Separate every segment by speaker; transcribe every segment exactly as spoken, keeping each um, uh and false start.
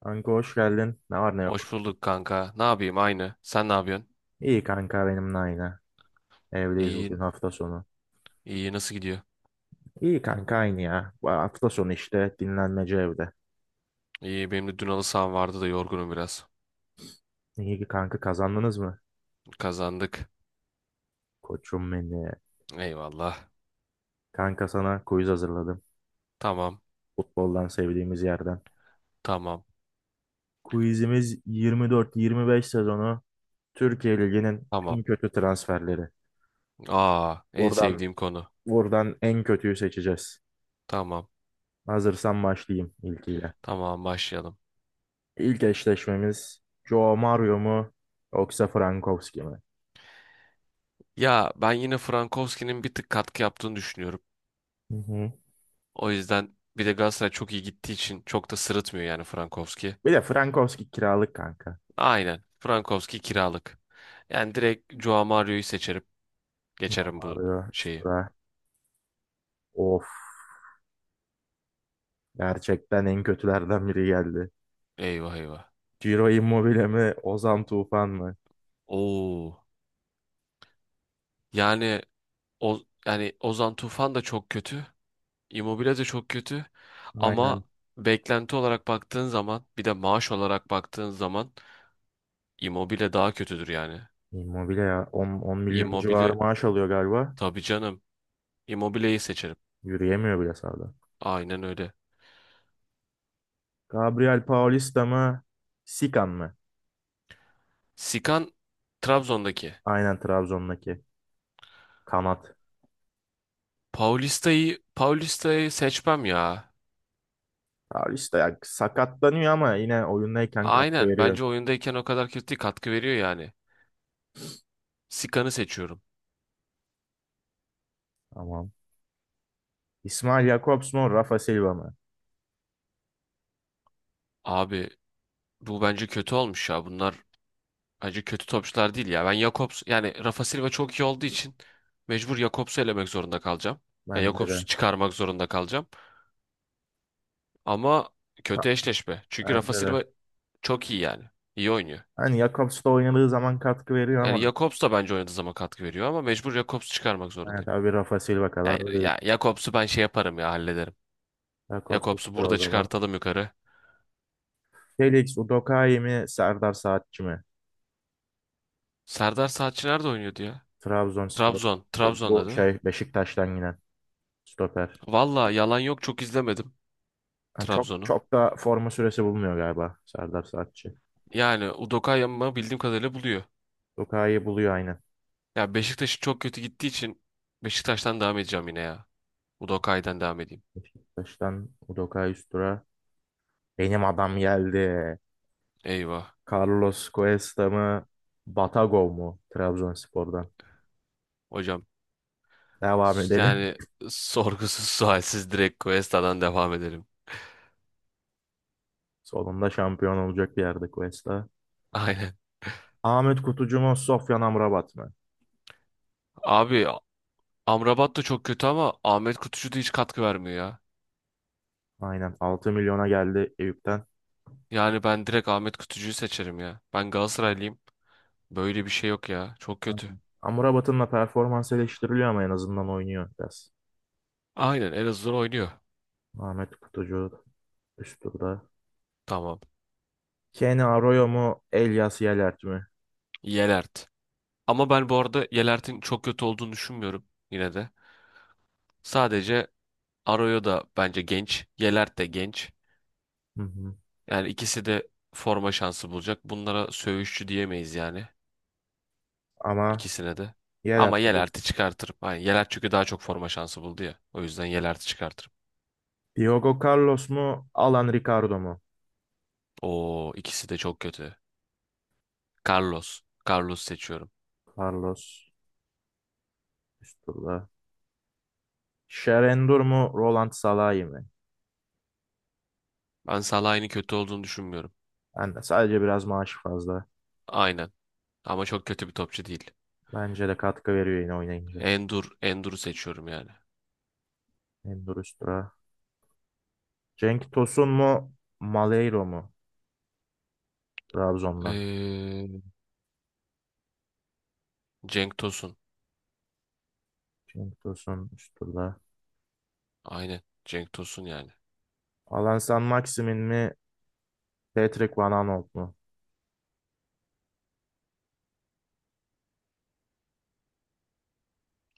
Speaker 1: Kanka hoş geldin. Ne var ne yok.
Speaker 2: Hoş bulduk kanka. Ne yapayım aynı. Sen ne yapıyorsun?
Speaker 1: İyi kanka benimle aynı. Evdeyiz, bugün
Speaker 2: İyiyim.
Speaker 1: hafta sonu.
Speaker 2: İyi nasıl gidiyor?
Speaker 1: İyi kanka aynı ya. Bu hafta sonu işte dinlenmece evde.
Speaker 2: İyi benim de dün halı saham vardı da yorgunum biraz.
Speaker 1: İyi ki kanka, kazandınız mı?
Speaker 2: Kazandık.
Speaker 1: Koçum beni.
Speaker 2: Eyvallah.
Speaker 1: Kanka sana quiz hazırladım.
Speaker 2: Tamam.
Speaker 1: Futboldan sevdiğimiz yerden.
Speaker 2: Tamam.
Speaker 1: Quizimiz yirmi dört yirmi beş sezonu Türkiye Ligi'nin
Speaker 2: Tamam.
Speaker 1: en kötü transferleri.
Speaker 2: Aa en
Speaker 1: Buradan,
Speaker 2: sevdiğim konu.
Speaker 1: buradan en kötüyü seçeceğiz.
Speaker 2: Tamam.
Speaker 1: Hazırsan başlayayım ilkiyle.
Speaker 2: Tamam başlayalım.
Speaker 1: İlk eşleşmemiz Joao Mario mu yoksa Frankowski mi?
Speaker 2: Ya ben yine Frankowski'nin bir tık katkı yaptığını düşünüyorum.
Speaker 1: Hı hı.
Speaker 2: O yüzden bir de Galatasaray çok iyi gittiği için çok da sırıtmıyor yani Frankowski.
Speaker 1: Bir de Frankowski kiralık kanka.
Speaker 2: Aynen. Frankowski kiralık. Yani direkt Joao Mario'yu seçerim.
Speaker 1: Ulan
Speaker 2: Geçerim bu
Speaker 1: arıyor
Speaker 2: şeyi.
Speaker 1: işte. Of. Gerçekten en kötülerden biri geldi.
Speaker 2: Eyvah eyvah.
Speaker 1: Ciro Immobile mi? Ozan Tufan mı?
Speaker 2: Oo. Yani o yani Ozan Tufan da çok kötü. Immobile de çok kötü.
Speaker 1: Aynen.
Speaker 2: Ama beklenti olarak baktığın zaman bir de maaş olarak baktığın zaman Immobile daha kötüdür yani.
Speaker 1: Immobile ya. on on milyon civarı
Speaker 2: Immobile
Speaker 1: maaş alıyor galiba.
Speaker 2: tabii canım. Immobile'yi seçerim.
Speaker 1: Yürüyemiyor bile sahada.
Speaker 2: Aynen öyle.
Speaker 1: Gabriel Paulista mı? Sikan mı?
Speaker 2: Sikan Trabzon'daki.
Speaker 1: Aynen, Trabzon'daki. Kanat.
Speaker 2: Paulista'yı Paulista'yı seçmem ya.
Speaker 1: Paulista ya sakatlanıyor ama yine oyundayken katkı
Speaker 2: Aynen
Speaker 1: veriyor.
Speaker 2: bence oyundayken o kadar kötü değil, katkı veriyor yani. Sikan'ı seçiyorum.
Speaker 1: Tamam. İsmail Jakobs mu? Rafa Silva mı?
Speaker 2: Abi bu bence kötü olmuş ya. Bunlar acı kötü topçular değil ya. Ben Jakobs yani Rafa Silva çok iyi olduğu için mecbur Jakobs'u elemek zorunda kalacağım. Yani
Speaker 1: Bence de.
Speaker 2: Jakobs'u çıkarmak zorunda kalacağım. Ama kötü
Speaker 1: Ka-
Speaker 2: eşleşme. Çünkü Rafa
Speaker 1: Bence de.
Speaker 2: Silva çok iyi yani. İyi oynuyor.
Speaker 1: Hani Jakobs da oynadığı zaman katkı veriyor
Speaker 2: Yani
Speaker 1: ama
Speaker 2: Jakobs da bence oynadığı zaman katkı veriyor ama mecbur Jakobs'u çıkarmak
Speaker 1: evet
Speaker 2: zorundayım.
Speaker 1: abi, Rafa Silva
Speaker 2: Ya,
Speaker 1: kadar da değil.
Speaker 2: ya Jakobs'u ben şey yaparım ya hallederim.
Speaker 1: Jakobs
Speaker 2: Jakobs'u
Speaker 1: üsttür o
Speaker 2: burada
Speaker 1: zaman.
Speaker 2: çıkartalım yukarı.
Speaker 1: Felix Udokai mi, Serdar Saatçi mi?
Speaker 2: Serdar Saatçi nerede oynuyordu ya?
Speaker 1: Trabzonspor.
Speaker 2: Trabzon.
Speaker 1: E,
Speaker 2: Trabzon'da
Speaker 1: bu
Speaker 2: değil mi?
Speaker 1: şey Beşiktaş'tan yine stoper.
Speaker 2: Valla yalan yok çok izlemedim
Speaker 1: Ha, çok
Speaker 2: Trabzon'u.
Speaker 1: çok da forma süresi bulmuyor galiba Serdar Saatçi.
Speaker 2: Yani Udokayama bildiğim kadarıyla buluyor.
Speaker 1: Udokai'yi buluyor aynen.
Speaker 2: Ya Beşiktaş çok kötü gittiği için Beşiktaş'tan devam edeceğim yine ya. Udokay'dan devam edeyim.
Speaker 1: Beşiktaş'tan Udokai üstüra. Benim adam geldi.
Speaker 2: Eyvah.
Speaker 1: Carlos Cuesta mı? Batagov mu? Trabzonspor'dan.
Speaker 2: Hocam
Speaker 1: Devam
Speaker 2: s-
Speaker 1: edelim.
Speaker 2: yani sorgusuz sualsiz direkt Cuesta'dan devam edelim.
Speaker 1: Sonunda şampiyon olacak bir yerde Cuesta.
Speaker 2: Aynen.
Speaker 1: Ahmet Kutucu mu, Sofyan Amrabat mı?
Speaker 2: Abi Amrabat da çok kötü ama Ahmet Kutucu da hiç katkı vermiyor ya.
Speaker 1: Aynen, altı milyona geldi Eyüp'ten.
Speaker 2: Yani ben direkt Ahmet Kutucu'yu seçerim ya. Ben Galatasaraylıyım. Böyle bir şey yok ya. Çok kötü.
Speaker 1: Aynen. Amrabat'ın da performans eleştiriliyor ama en azından oynuyor biraz.
Speaker 2: Aynen Elazığ'dan oynuyor.
Speaker 1: Ahmet Kutucu üst turda.
Speaker 2: Tamam.
Speaker 1: Kenny Arroyo mu, Elias Yelert mi?
Speaker 2: Yelert. Ama ben bu arada Yelert'in çok kötü olduğunu düşünmüyorum yine de. Sadece Arroyo da bence genç. Yelert de genç.
Speaker 1: Hı hı.
Speaker 2: Yani ikisi de forma şansı bulacak. Bunlara söğüşçü diyemeyiz yani.
Speaker 1: Ama
Speaker 2: İkisine de.
Speaker 1: Yelert
Speaker 2: Ama Yelert'i
Speaker 1: biliyorsun.
Speaker 2: çıkartırım. Yani Yelert çünkü daha çok forma şansı buldu ya. O yüzden Yelert'i çıkartırım.
Speaker 1: Diogo Carlos mu, Alan Ricardo mu?
Speaker 2: Oo ikisi de çok kötü. Carlos. Carlos seçiyorum.
Speaker 1: Carlos üst turda. Şerendur mu, Roland Salahi mi?
Speaker 2: Ben Salah'ın kötü olduğunu düşünmüyorum.
Speaker 1: Ben de, sadece biraz maaşı fazla.
Speaker 2: Aynen. Ama çok kötü bir topçu değil.
Speaker 1: Bence de katkı veriyor yine oynayınca.
Speaker 2: Endur. Endur'u seçiyorum yani.
Speaker 1: Endur üst tura. Cenk Tosun mu? Maleiro mu? Trabzon'dan.
Speaker 2: Ee, Cenk Tosun.
Speaker 1: Cenk Tosun üst turda.
Speaker 2: Aynen. Cenk Tosun yani.
Speaker 1: Alan San Maximin mi? Patrick Van Aanholt mu?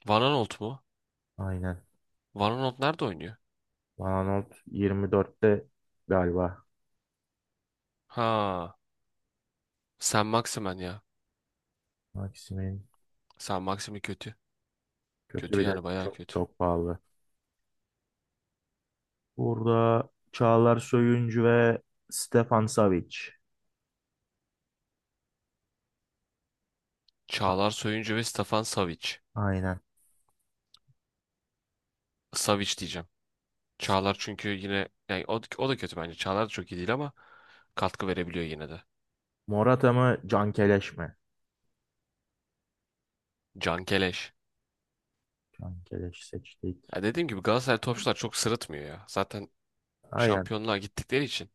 Speaker 2: Van Aanholt mu?
Speaker 1: Aynen.
Speaker 2: Van Aanholt nerede oynuyor?
Speaker 1: Van Aanholt yirmi dörtte galiba.
Speaker 2: Ha. Sen Maximen ya.
Speaker 1: Maximin
Speaker 2: Sen Maxim'i kötü.
Speaker 1: kötü,
Speaker 2: Kötü
Speaker 1: bir de
Speaker 2: yani bayağı
Speaker 1: çok
Speaker 2: kötü.
Speaker 1: çok pahalı. Burada Çağlar Söyüncü ve Stefan Savic.
Speaker 2: Çağlar Soyuncu ve Stefan Savic.
Speaker 1: Aynen.
Speaker 2: Savic diyeceğim. Çağlar çünkü yine yani o, o da kötü bence. Çağlar da çok iyi değil ama katkı verebiliyor yine de.
Speaker 1: Morata mı? Cankeleş mi?
Speaker 2: Can Keleş.
Speaker 1: Cankeleş seçtik.
Speaker 2: Ya dediğim gibi Galatasaray topçular çok sırıtmıyor ya. Zaten
Speaker 1: Aynen.
Speaker 2: şampiyonluğa gittikleri için.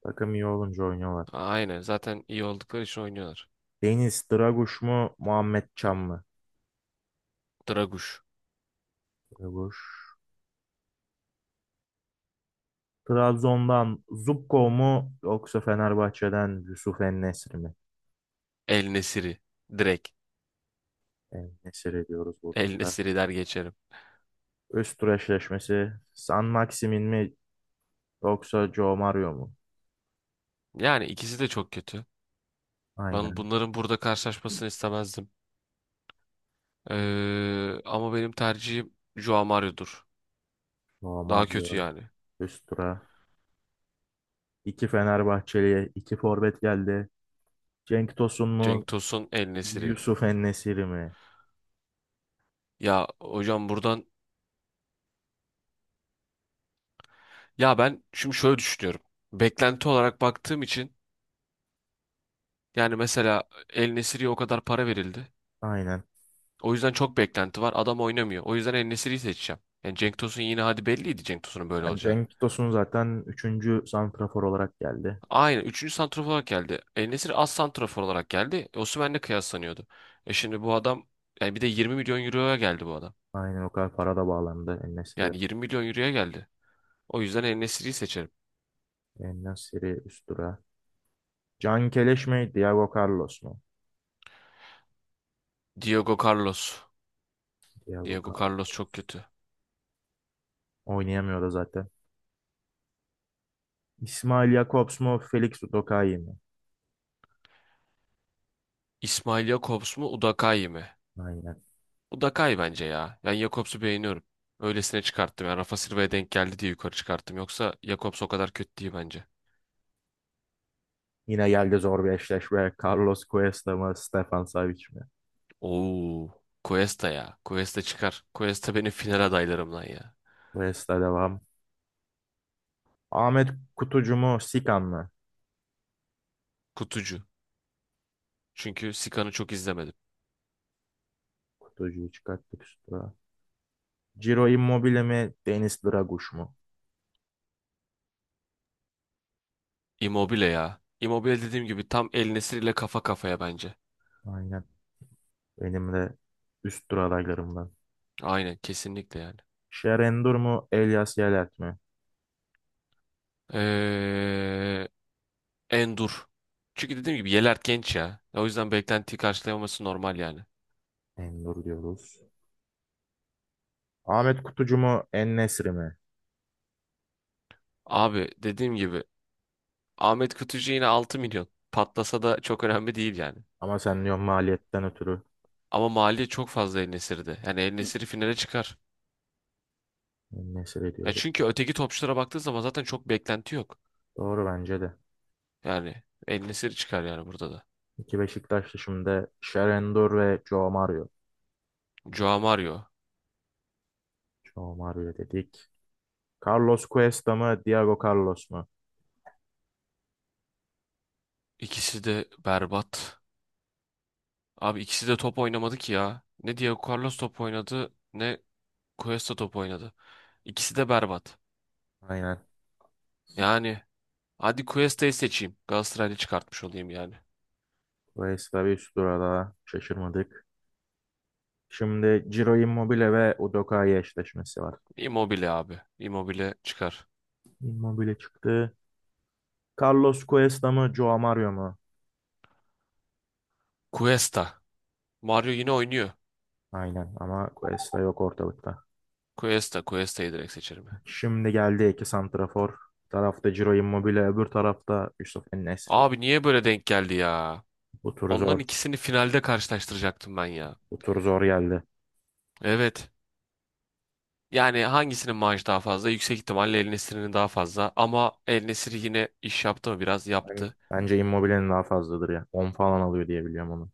Speaker 1: Takım iyi olunca oynuyorlar.
Speaker 2: Aynen zaten iyi oldukları için oynuyorlar.
Speaker 1: Deniz Draguş mu? Muhammed Can mı?
Speaker 2: Draguş.
Speaker 1: Draguş. Trabzon'dan Zubko mu yoksa Fenerbahçe'den Yusuf En-Nesyri mi?
Speaker 2: El Nesiri. Direkt.
Speaker 1: En-Nesyri diyoruz burada
Speaker 2: El
Speaker 1: da.
Speaker 2: Nesiri der geçerim.
Speaker 1: Üst tur eşleşmesi San Maximin mi yoksa Joe Mario mu?
Speaker 2: Yani ikisi de çok kötü. Ben
Speaker 1: Aynen,
Speaker 2: bunların burada karşılaşmasını istemezdim. Ee, ama benim tercihim Joao Mario'dur.
Speaker 1: Joe
Speaker 2: Daha kötü
Speaker 1: Mario
Speaker 2: yani.
Speaker 1: üst tura. İki Fenerbahçeli'ye iki forvet geldi. Cenk Tosun mu,
Speaker 2: Cenk Tosun, El Nesiri.
Speaker 1: Yusuf En-Nesyri mi?
Speaker 2: Ya hocam buradan ya ben şimdi şöyle düşünüyorum. Beklenti olarak baktığım için yani mesela El Nesiri'ye o kadar para verildi.
Speaker 1: Aynen.
Speaker 2: O yüzden çok beklenti var. Adam oynamıyor. O yüzden El Nesiri'yi seçeceğim. Yani Cenk Tosun yine hadi belliydi Cenk Tosun'un böyle
Speaker 1: Yani
Speaker 2: olacağı.
Speaker 1: Cenk Tosun zaten üçüncü santrafor olarak geldi.
Speaker 2: Aynen. Üçüncü santrafor olarak geldi. El Nesiri az santrafor olarak geldi. Osimhen'le kıyaslanıyordu. E şimdi bu adam yani bir de yirmi milyon euroya geldi bu adam.
Speaker 1: Aynen, o kadar para da bağlandı En-Nesyri.
Speaker 2: Yani yirmi milyon euroya geldi. O yüzden el En seçerim.
Speaker 1: En-Nesyri üst tura. Can Keleş mi? Diego Carlos mu?
Speaker 2: Diego Carlos.
Speaker 1: Diego
Speaker 2: Diego
Speaker 1: Carlos.
Speaker 2: Carlos çok kötü.
Speaker 1: Oynayamıyor da zaten. İsmail Jakobs mu? Felix Udokai mi?
Speaker 2: İsmail Jakobs mu Udakay mı?
Speaker 1: Aynen.
Speaker 2: Udakay bence ya. Ben Jakobs'u beğeniyorum. Öylesine çıkarttım. Yani Rafa Silva'ya denk geldi diye yukarı çıkarttım. Yoksa Jakobs o kadar kötü değil bence.
Speaker 1: Yine geldi zor bir eşleşme. Carlos Cuesta mı? Stefan Savic mi?
Speaker 2: Oo, Cuesta ya. Cuesta çıkar. Cuesta benim final adaylarımdan ya.
Speaker 1: Cuesta devam. Ahmet Kutucu mu? Sikan mı?
Speaker 2: Kutucu. Çünkü Sikan'ı çok izlemedim.
Speaker 1: Kutucuyu çıkarttık üstüne. Ciro Immobile mi? Deniz Draguş mu?
Speaker 2: Immobile ya. Immobile dediğim gibi tam El Nesri ile kafa kafaya bence.
Speaker 1: Aynen. Benim de üst tur adaylarımdan.
Speaker 2: Aynen kesinlikle yani.
Speaker 1: Şer Endur mu? Elias Yalet mi?
Speaker 2: Ee, Endur. Çünkü dediğim gibi Yeler genç ya. O yüzden beklentiyi karşılayamaması normal yani.
Speaker 1: Endur diyoruz. Ahmet Kutucu mu? En-Nesyri mi?
Speaker 2: Abi dediğim gibi Ahmet Kutucu yine altı milyon. Patlasa da çok önemli değil yani.
Speaker 1: Ama sen diyorsun maliyetten ötürü
Speaker 2: Ama maliye çok fazla El Nesir'de. Yani El Nesir'i finale çıkar.
Speaker 1: mesele
Speaker 2: Ya
Speaker 1: diyorum.
Speaker 2: çünkü öteki topçulara baktığı zaman zaten çok beklenti yok.
Speaker 1: Doğru, bence de.
Speaker 2: Yani El Nesir çıkar yani burada da.
Speaker 1: İki Beşiktaşlı şimdi, Sherendor ve Joe Mario.
Speaker 2: Joao Mario.
Speaker 1: Joe Mario dedik. Carlos Cuesta mı, Diego Carlos mu?
Speaker 2: İkisi de berbat. Abi ikisi de top oynamadı ki ya. Ne Diego Carlos top oynadı ne Cuesta top oynadı. İkisi de berbat.
Speaker 1: Aynen.
Speaker 2: Yani hadi Cuesta'yı seçeyim. Galatasaraylı çıkartmış olayım yani.
Speaker 1: Cuesta bir üst tura, daha şaşırmadık. Şimdi Ciro Immobile ve Udoka'yı eşleşmesi var.
Speaker 2: Immobile abi. Immobile çıkar.
Speaker 1: Immobile çıktı. Carlos Cuesta mı, Joe Mario mu?
Speaker 2: Cuesta. Mario yine oynuyor.
Speaker 1: Aynen ama Cuesta yok ortalıkta.
Speaker 2: Cuesta. Cuesta'yı direkt seçerim ya.
Speaker 1: Şimdi geldi iki santrafor. Bir tarafta Ciro Immobile, öbür tarafta Yusuf en.
Speaker 2: Abi niye böyle denk geldi ya?
Speaker 1: Bu tur
Speaker 2: Onların
Speaker 1: zor.
Speaker 2: ikisini finalde karşılaştıracaktım ben ya.
Speaker 1: Bu tur zor geldi.
Speaker 2: Evet. Yani hangisinin maaşı daha fazla? Yüksek ihtimalle El Nesiri'nin daha fazla. Ama El Nesiri yine iş yaptı mı? Biraz
Speaker 1: Yani
Speaker 2: yaptı.
Speaker 1: bence Immobile'nin daha fazladır ya. On falan alıyor diye biliyorum onu.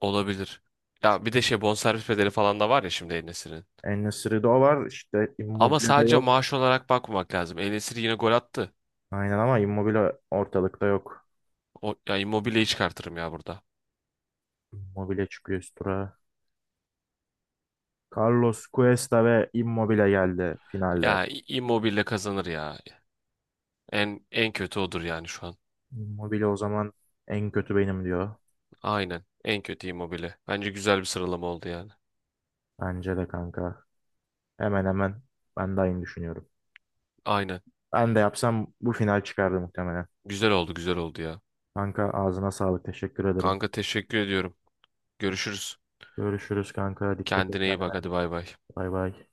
Speaker 2: Olabilir. Ya bir de şey bonservis bedeli falan da var ya şimdi El Nesiri'nin.
Speaker 1: En-Nesyri'de o var. İşte
Speaker 2: Ama
Speaker 1: Immobile de
Speaker 2: sadece
Speaker 1: yok.
Speaker 2: maaş olarak bakmamak lazım. El Nesiri yine gol attı.
Speaker 1: Aynen ama Immobile ortalıkta yok.
Speaker 2: O, ya Immobile'yi çıkartırım ya burada.
Speaker 1: Immobile çıkıyor üst tura. Carlos Cuesta ve Immobile geldi finalde.
Speaker 2: Ya İ- Immobile kazanır ya. En en kötü odur yani şu an.
Speaker 1: Immobile o zaman en kötü benim diyor.
Speaker 2: Aynen. En kötü Immobile. Bence güzel bir sıralama oldu yani.
Speaker 1: Bence de kanka. Hemen hemen ben de aynı düşünüyorum.
Speaker 2: Aynen.
Speaker 1: Ben de yapsam bu final çıkardı muhtemelen.
Speaker 2: Güzel oldu, güzel oldu ya.
Speaker 1: Kanka ağzına sağlık. Teşekkür ederim.
Speaker 2: Kanka teşekkür ediyorum. Görüşürüz.
Speaker 1: Görüşürüz kanka. Dikkat et
Speaker 2: Kendine iyi bak
Speaker 1: kendine.
Speaker 2: hadi bay bay.
Speaker 1: Bay bay.